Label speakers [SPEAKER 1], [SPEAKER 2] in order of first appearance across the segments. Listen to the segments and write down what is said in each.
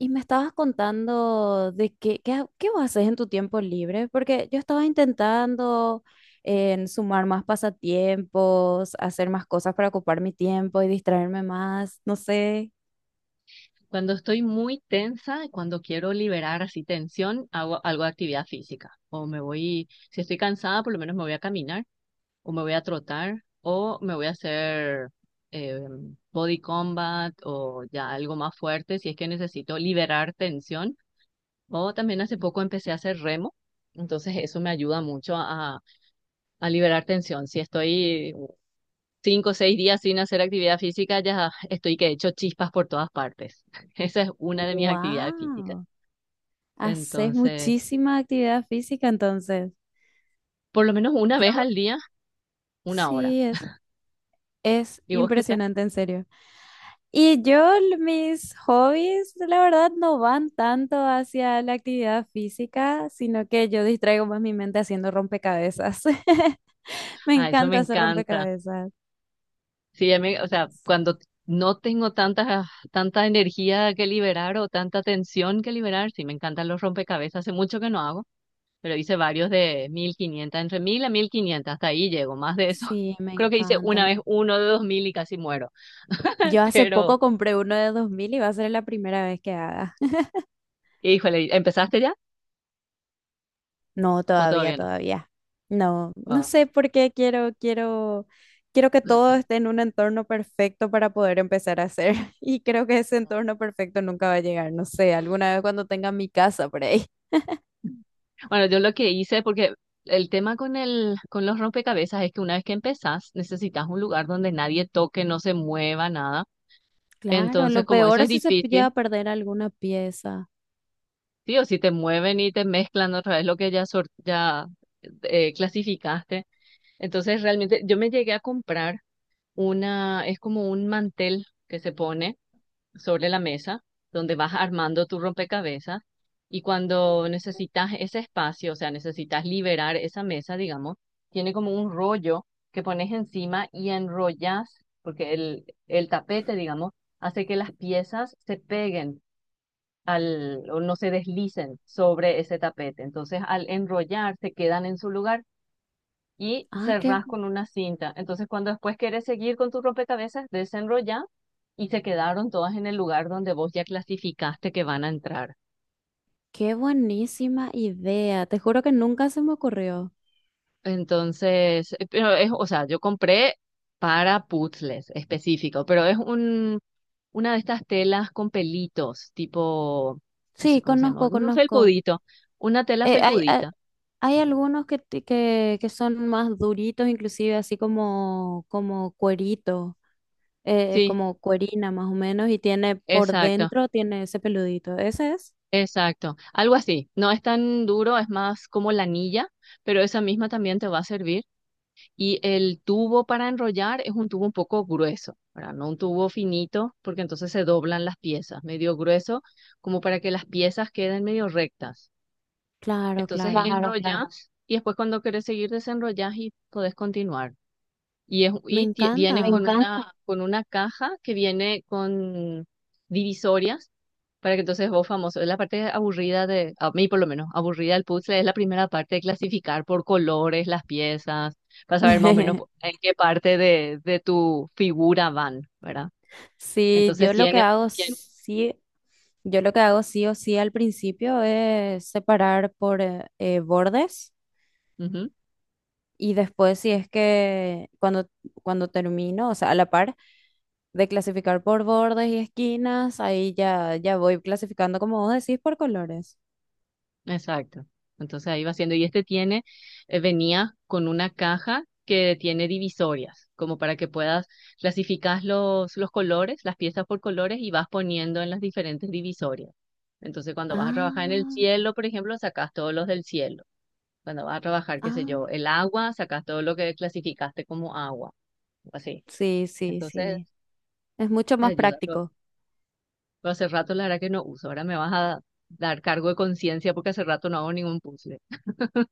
[SPEAKER 1] Y me estabas contando de qué vos haces en tu tiempo libre, porque yo estaba intentando en sumar más pasatiempos, hacer más cosas para ocupar mi tiempo y distraerme más, no sé.
[SPEAKER 2] Cuando estoy muy tensa, cuando quiero liberar así tensión, hago algo de actividad física. O me voy, si estoy cansada, por lo menos me voy a caminar, o me voy a trotar, o me voy a hacer eh, body combat, o ya algo más fuerte, si es que necesito liberar tensión. O también hace poco empecé a hacer remo, entonces eso me ayuda mucho a liberar tensión. Si estoy cinco o seis días sin hacer actividad física, ya estoy que he hecho chispas por todas partes. Esa es una de mis actividades físicas.
[SPEAKER 1] ¡Wow! Haces
[SPEAKER 2] Entonces,
[SPEAKER 1] muchísima actividad física entonces.
[SPEAKER 2] por lo menos una
[SPEAKER 1] Yo
[SPEAKER 2] vez al día, una hora.
[SPEAKER 1] sí, es
[SPEAKER 2] ¿Y vos qué tal?
[SPEAKER 1] impresionante, en serio. Y yo, mis hobbies, la verdad, no van tanto hacia la actividad física, sino que yo distraigo más mi mente haciendo rompecabezas. Me
[SPEAKER 2] Ah, eso me
[SPEAKER 1] encanta hacer
[SPEAKER 2] encanta.
[SPEAKER 1] rompecabezas.
[SPEAKER 2] Sí, a mí o sea, cuando no tengo tanta energía que liberar o tanta tensión que liberar, sí, me encantan los rompecabezas. Hace mucho que no hago, pero hice varios de 1500, entre 1000 a 1500, hasta ahí llego, más de eso.
[SPEAKER 1] Sí, me
[SPEAKER 2] Creo que hice una
[SPEAKER 1] encantan.
[SPEAKER 2] vez uno de 2000 y casi muero.
[SPEAKER 1] Yo hace
[SPEAKER 2] Pero,
[SPEAKER 1] poco compré uno de 2000 y va a ser la primera vez que haga.
[SPEAKER 2] híjole, ¿empezaste ya
[SPEAKER 1] No,
[SPEAKER 2] o todavía no?
[SPEAKER 1] todavía. No, no
[SPEAKER 2] Wow.
[SPEAKER 1] sé por qué quiero, quiero que todo esté en un entorno perfecto para poder empezar a hacer. Y creo que ese entorno perfecto nunca va a llegar. No sé, alguna vez cuando tenga mi casa por ahí.
[SPEAKER 2] Bueno, yo lo que hice, porque el tema con los rompecabezas es que una vez que empezás, necesitas un lugar donde nadie toque, no se mueva nada.
[SPEAKER 1] Claro, lo
[SPEAKER 2] Entonces, como eso
[SPEAKER 1] peor
[SPEAKER 2] es
[SPEAKER 1] es si se llega
[SPEAKER 2] difícil,
[SPEAKER 1] a perder alguna pieza.
[SPEAKER 2] sí o sí te mueven y te mezclan otra vez lo que ya, ya clasificaste. Entonces, realmente yo me llegué a comprar una, es como un mantel que se pone sobre la mesa donde vas armando tu rompecabezas y cuando necesitas ese espacio, o sea, necesitas liberar esa mesa, digamos, tiene como un rollo que pones encima y enrollas, porque el tapete, digamos, hace que las piezas se peguen al, o no se deslicen sobre ese tapete. Entonces, al enrollar, se quedan en su lugar y
[SPEAKER 1] Ah, qué,
[SPEAKER 2] cerrás con una cinta. Entonces, cuando después querés seguir con tu rompecabezas, desenrollás y se quedaron todas en el lugar donde vos ya clasificaste que van a entrar.
[SPEAKER 1] qué buenísima idea. Te juro que nunca se me ocurrió.
[SPEAKER 2] Entonces, pero es, o sea, yo compré para puzzles específico, pero es un, una de estas telas con pelitos, tipo, no sé
[SPEAKER 1] Sí,
[SPEAKER 2] cómo se llama, un
[SPEAKER 1] conozco.
[SPEAKER 2] felpudito, una tela
[SPEAKER 1] Eh, hay, a-
[SPEAKER 2] felpudita.
[SPEAKER 1] hay algunos que son más duritos, inclusive así como, como cuerito,
[SPEAKER 2] Sí,
[SPEAKER 1] como cuerina más o menos, y tiene por
[SPEAKER 2] exacto,
[SPEAKER 1] dentro, tiene ese peludito. ¿Ese es?
[SPEAKER 2] exacto. Algo así. No es tan duro, es más como la anilla, pero esa misma también te va a servir. Y el tubo para enrollar es un tubo un poco grueso, ¿verdad? No un tubo finito, porque entonces se doblan las piezas, medio grueso, como para que las piezas queden medio rectas.
[SPEAKER 1] Claro,
[SPEAKER 2] Entonces
[SPEAKER 1] claro.
[SPEAKER 2] claro, claro, enrollas y después cuando querés seguir desenrollas y podés continuar. Y, es,
[SPEAKER 1] Me
[SPEAKER 2] y viene me con
[SPEAKER 1] encanta.
[SPEAKER 2] encanta una, con una caja que viene con divisorias para que entonces vos famoso. La parte aburrida de, a mí por lo menos, aburrida del puzzle es la primera parte de clasificar por colores las piezas, para saber más o menos en qué parte de tu figura van, ¿verdad?
[SPEAKER 1] Sí,
[SPEAKER 2] Entonces tiene, tiene,
[SPEAKER 1] yo lo que hago sí o sí al principio es separar por bordes
[SPEAKER 2] ujú.
[SPEAKER 1] y después si es que cuando, cuando termino, o sea, a la par de clasificar por bordes y esquinas, ahí ya, ya voy clasificando como vos decís por colores.
[SPEAKER 2] Exacto. Entonces ahí va haciendo. Y este tiene, venía con una caja que tiene divisorias, como para que puedas clasificar los colores, las piezas por colores y vas poniendo en las diferentes divisorias. Entonces cuando vas a trabajar en el
[SPEAKER 1] Ah,
[SPEAKER 2] cielo, por ejemplo, sacas todos los del cielo. Cuando vas a trabajar, qué sé yo,
[SPEAKER 1] ah,
[SPEAKER 2] el agua, sacas todo lo que clasificaste como agua, así.
[SPEAKER 1] Sí, sí,
[SPEAKER 2] Entonces
[SPEAKER 1] sí. Es mucho
[SPEAKER 2] te
[SPEAKER 1] más
[SPEAKER 2] ayuda.
[SPEAKER 1] práctico.
[SPEAKER 2] Pero hace rato la verdad que no uso. Ahora me vas a dar cargo de conciencia porque hace rato no hago ningún puzzle.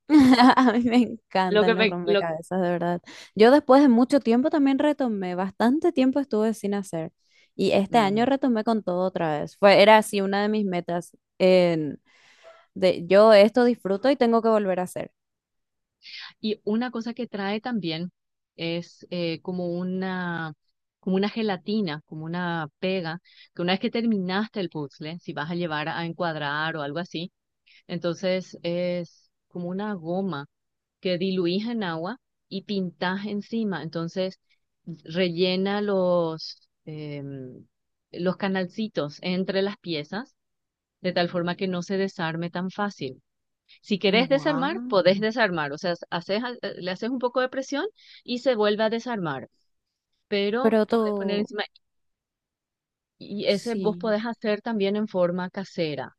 [SPEAKER 1] A mí me
[SPEAKER 2] Lo que
[SPEAKER 1] encantan los
[SPEAKER 2] me, lo,
[SPEAKER 1] rompecabezas, de verdad. Yo después de mucho tiempo también retomé, bastante tiempo estuve sin hacer. Y este
[SPEAKER 2] mm,
[SPEAKER 1] año retomé con todo otra vez. Era así una de mis metas. Yo esto disfruto y tengo que volver a hacer.
[SPEAKER 2] y una cosa que trae también es como una gelatina, como una pega, que una vez que terminaste el puzzle, si vas a llevar a encuadrar o algo así, entonces es como una goma que diluís en agua y pintás encima. Entonces rellena los, los canalcitos entre las piezas de tal forma que no se desarme tan fácil. Si querés desarmar,
[SPEAKER 1] Guau.
[SPEAKER 2] podés desarmar. O sea, haces, le haces un poco de presión y se vuelve a desarmar. Pero
[SPEAKER 1] Pero
[SPEAKER 2] podés poner
[SPEAKER 1] tú,
[SPEAKER 2] encima, y ese vos
[SPEAKER 1] sí.
[SPEAKER 2] podés hacer también en forma casera.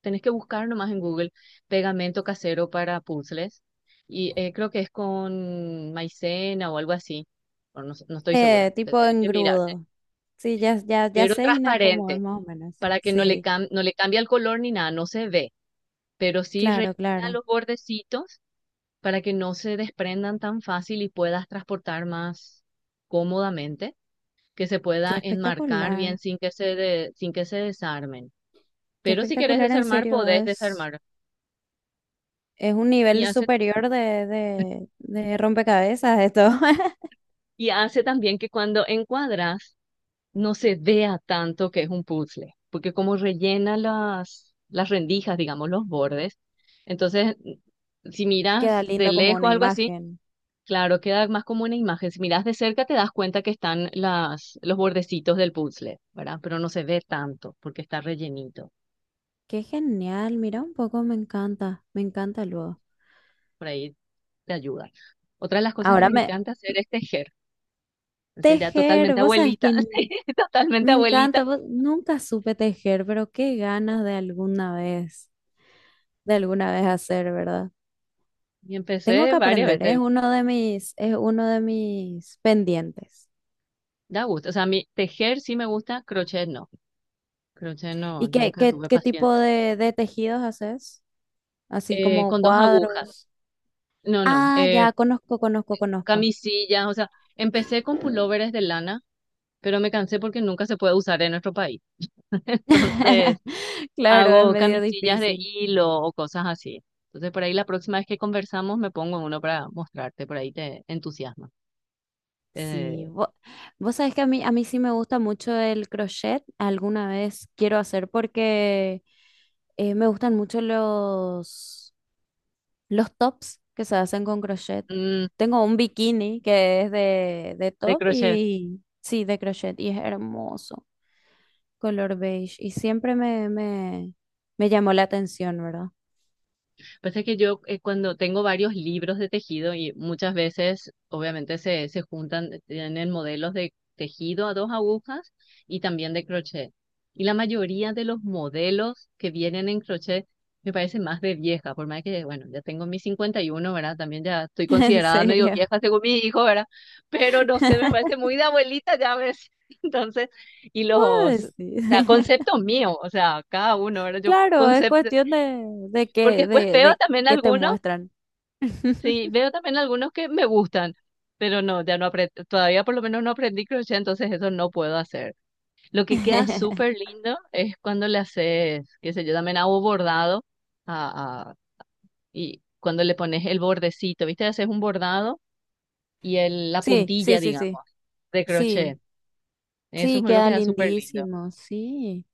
[SPEAKER 2] Tenés que buscar nomás en Google pegamento casero para puzzles. Y creo que es con maicena o algo así, o no, sé, no estoy segura.
[SPEAKER 1] Tipo
[SPEAKER 2] Tenés que mirar, ¿eh?
[SPEAKER 1] engrudo. Sí, ya
[SPEAKER 2] Pero
[SPEAKER 1] sé, Gina, cómo es
[SPEAKER 2] transparente,
[SPEAKER 1] más o menos.
[SPEAKER 2] para que no le,
[SPEAKER 1] Sí,
[SPEAKER 2] no le cambie el color ni nada, no se ve. Pero sí
[SPEAKER 1] claro,
[SPEAKER 2] rellena
[SPEAKER 1] claro.
[SPEAKER 2] los bordecitos para que no se desprendan tan fácil y puedas transportar más cómodamente, que se
[SPEAKER 1] Qué
[SPEAKER 2] pueda enmarcar bien
[SPEAKER 1] espectacular.
[SPEAKER 2] sin que sin que se desarmen.
[SPEAKER 1] Qué
[SPEAKER 2] Pero si querés
[SPEAKER 1] espectacular, en
[SPEAKER 2] desarmar,
[SPEAKER 1] serio.
[SPEAKER 2] podés desarmar.
[SPEAKER 1] Es un
[SPEAKER 2] Y
[SPEAKER 1] nivel
[SPEAKER 2] hace,
[SPEAKER 1] superior de rompecabezas esto.
[SPEAKER 2] y hace también que cuando encuadras no se vea tanto que es un puzzle, porque como rellena las rendijas, digamos, los bordes, entonces si
[SPEAKER 1] Queda
[SPEAKER 2] miras de
[SPEAKER 1] lindo como
[SPEAKER 2] lejos
[SPEAKER 1] una
[SPEAKER 2] algo así,
[SPEAKER 1] imagen.
[SPEAKER 2] claro, queda más como una imagen. Si miras de cerca te das cuenta que están las, los bordecitos del puzzle, ¿verdad? Pero no se ve tanto porque está rellenito.
[SPEAKER 1] Qué genial. Mira un poco, me encanta. Me encanta luego.
[SPEAKER 2] Por ahí te ayuda. Otra de las cosas que
[SPEAKER 1] Ahora
[SPEAKER 2] me
[SPEAKER 1] me...
[SPEAKER 2] encanta hacer es tejer. Entonces ya
[SPEAKER 1] Tejer,
[SPEAKER 2] totalmente
[SPEAKER 1] vos sabés
[SPEAKER 2] abuelita,
[SPEAKER 1] que
[SPEAKER 2] sí, totalmente
[SPEAKER 1] me encanta.
[SPEAKER 2] abuelita.
[SPEAKER 1] Nunca supe tejer, pero qué ganas de alguna vez hacer, ¿verdad?
[SPEAKER 2] Y
[SPEAKER 1] Tengo
[SPEAKER 2] empecé
[SPEAKER 1] que
[SPEAKER 2] varias
[SPEAKER 1] aprender, es
[SPEAKER 2] veces.
[SPEAKER 1] uno de es uno de mis pendientes.
[SPEAKER 2] Da gusto. O sea, a mí tejer sí me gusta, crochet no. Crochet no,
[SPEAKER 1] ¿Y
[SPEAKER 2] nunca tuve
[SPEAKER 1] qué tipo
[SPEAKER 2] paciencia.
[SPEAKER 1] de tejidos haces? Así como
[SPEAKER 2] Con dos agujas.
[SPEAKER 1] cuadros.
[SPEAKER 2] No, no.
[SPEAKER 1] Ah, ya conozco.
[SPEAKER 2] Camisillas, o sea, empecé con pulóveres de lana, pero me cansé porque nunca se puede usar en nuestro país. Entonces,
[SPEAKER 1] Claro, es
[SPEAKER 2] hago
[SPEAKER 1] medio
[SPEAKER 2] camisillas de
[SPEAKER 1] difícil.
[SPEAKER 2] hilo o cosas así. Entonces, por ahí la próxima vez que conversamos me pongo uno para mostrarte, por ahí te entusiasma.
[SPEAKER 1] Sí,
[SPEAKER 2] Eh,
[SPEAKER 1] vos, sabés que a mí sí me gusta mucho el crochet, alguna vez quiero hacer porque me gustan mucho los tops que se hacen con crochet.
[SPEAKER 2] mm,
[SPEAKER 1] Tengo un bikini que es de
[SPEAKER 2] de
[SPEAKER 1] top
[SPEAKER 2] crochet.
[SPEAKER 1] y sí, de crochet y es hermoso, color beige. Y me llamó la atención, ¿verdad?
[SPEAKER 2] Pasa que yo cuando tengo varios libros de tejido y muchas veces obviamente se juntan, tienen modelos de tejido a dos agujas y también de crochet. Y la mayoría de los modelos que vienen en crochet me parece más de vieja, por más que, bueno, ya tengo mis 51, ¿verdad? También ya estoy
[SPEAKER 1] En
[SPEAKER 2] considerada medio
[SPEAKER 1] serio.
[SPEAKER 2] vieja según mi hijo, ¿verdad? Pero no sé, me parece muy de abuelita, ya ves. Entonces, y
[SPEAKER 1] ¿Puedo
[SPEAKER 2] los, o
[SPEAKER 1] decir?
[SPEAKER 2] sea, conceptos míos, o sea, cada uno, ¿verdad? Yo
[SPEAKER 1] Claro, es
[SPEAKER 2] concepto
[SPEAKER 1] cuestión
[SPEAKER 2] porque después veo
[SPEAKER 1] de
[SPEAKER 2] también
[SPEAKER 1] qué te
[SPEAKER 2] algunos.
[SPEAKER 1] muestran.
[SPEAKER 2] Sí, veo también algunos que me gustan, pero no, ya no aprendí, todavía por lo menos no aprendí crochet, entonces eso no puedo hacer. Lo que queda súper lindo es cuando le haces, qué sé yo, también hago bordado a, a- y cuando le pones el bordecito, ¿viste? Haces un bordado y el, la
[SPEAKER 1] Sí, sí,
[SPEAKER 2] puntilla,
[SPEAKER 1] sí, sí.
[SPEAKER 2] digamos, de crochet.
[SPEAKER 1] Sí,
[SPEAKER 2] Eso
[SPEAKER 1] sí,
[SPEAKER 2] me lo
[SPEAKER 1] queda
[SPEAKER 2] queda súper lindo.
[SPEAKER 1] lindísimo, sí.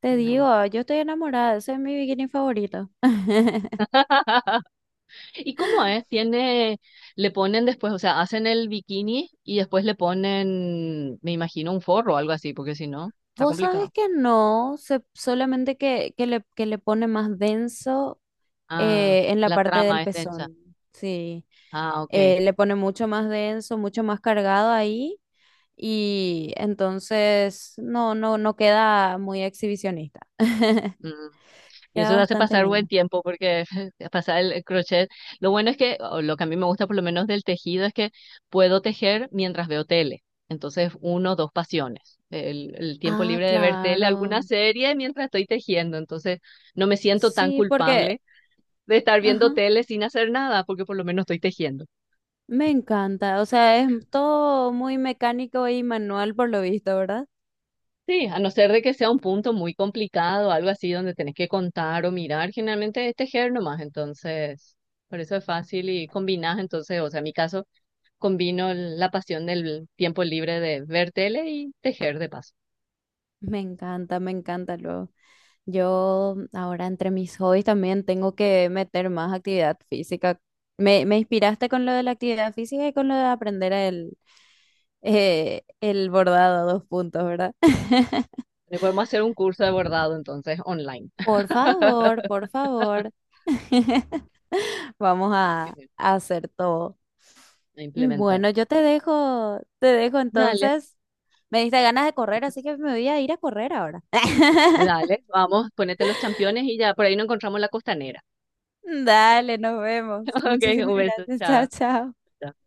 [SPEAKER 1] Te
[SPEAKER 2] No.
[SPEAKER 1] digo, yo estoy enamorada, ese es mi bikini favorito.
[SPEAKER 2] ¿Y cómo es? Tiene, le ponen después, o sea, hacen el bikini y después le ponen, me imagino, un forro o algo así, porque si no, está
[SPEAKER 1] Vos sabés
[SPEAKER 2] complicado.
[SPEAKER 1] que no, se- solamente que le pone más denso
[SPEAKER 2] Ah,
[SPEAKER 1] en la
[SPEAKER 2] la
[SPEAKER 1] parte del
[SPEAKER 2] trama es densa.
[SPEAKER 1] pezón. Sí,
[SPEAKER 2] Ah, ok.
[SPEAKER 1] Le pone mucho más denso, mucho más cargado ahí y entonces no, no, no queda muy exhibicionista.
[SPEAKER 2] Mm. Y
[SPEAKER 1] Queda
[SPEAKER 2] eso te hace
[SPEAKER 1] bastante
[SPEAKER 2] pasar buen
[SPEAKER 1] lindo.
[SPEAKER 2] tiempo porque pasar el crochet. Lo bueno es que, o lo que a mí me gusta por lo menos del tejido es que puedo tejer mientras veo tele. Entonces, uno, dos pasiones. El tiempo
[SPEAKER 1] Ah,
[SPEAKER 2] libre de ver tele, alguna
[SPEAKER 1] claro.
[SPEAKER 2] serie mientras estoy tejiendo. Entonces, no me siento tan
[SPEAKER 1] Sí, porque...
[SPEAKER 2] culpable de estar viendo
[SPEAKER 1] Ajá.
[SPEAKER 2] tele sin hacer nada porque por lo menos estoy tejiendo.
[SPEAKER 1] Me encanta, o sea, es todo muy mecánico y manual por lo visto, ¿verdad?
[SPEAKER 2] Sí, a no ser de que sea un punto muy complicado, algo así donde tenés que contar o mirar, generalmente es tejer nomás, entonces, por eso es fácil y combinás, entonces, o sea, en mi caso, combino la pasión del tiempo libre de ver tele y tejer de paso.
[SPEAKER 1] Me encanta luego. Yo ahora entre mis hobbies también tengo que meter más actividad física. Me inspiraste con lo de la actividad física y con lo de aprender el bordado a dos puntos, ¿verdad?
[SPEAKER 2] Le podemos hacer un curso de bordado, entonces, online,
[SPEAKER 1] Por favor, por favor.
[SPEAKER 2] así mismo,
[SPEAKER 1] A hacer todo.
[SPEAKER 2] a
[SPEAKER 1] Y
[SPEAKER 2] implementar.
[SPEAKER 1] bueno, yo te te dejo
[SPEAKER 2] Dale,
[SPEAKER 1] entonces. Me diste ganas de correr, así
[SPEAKER 2] entonces,
[SPEAKER 1] que me voy a ir a correr ahora.
[SPEAKER 2] dale, vamos, ponete los championes y ya, por ahí nos encontramos la costanera.
[SPEAKER 1] Dale, nos vemos.
[SPEAKER 2] Ok,
[SPEAKER 1] Muchísimas
[SPEAKER 2] un beso,
[SPEAKER 1] gracias. Chao,
[SPEAKER 2] chao.
[SPEAKER 1] chao.
[SPEAKER 2] Chao.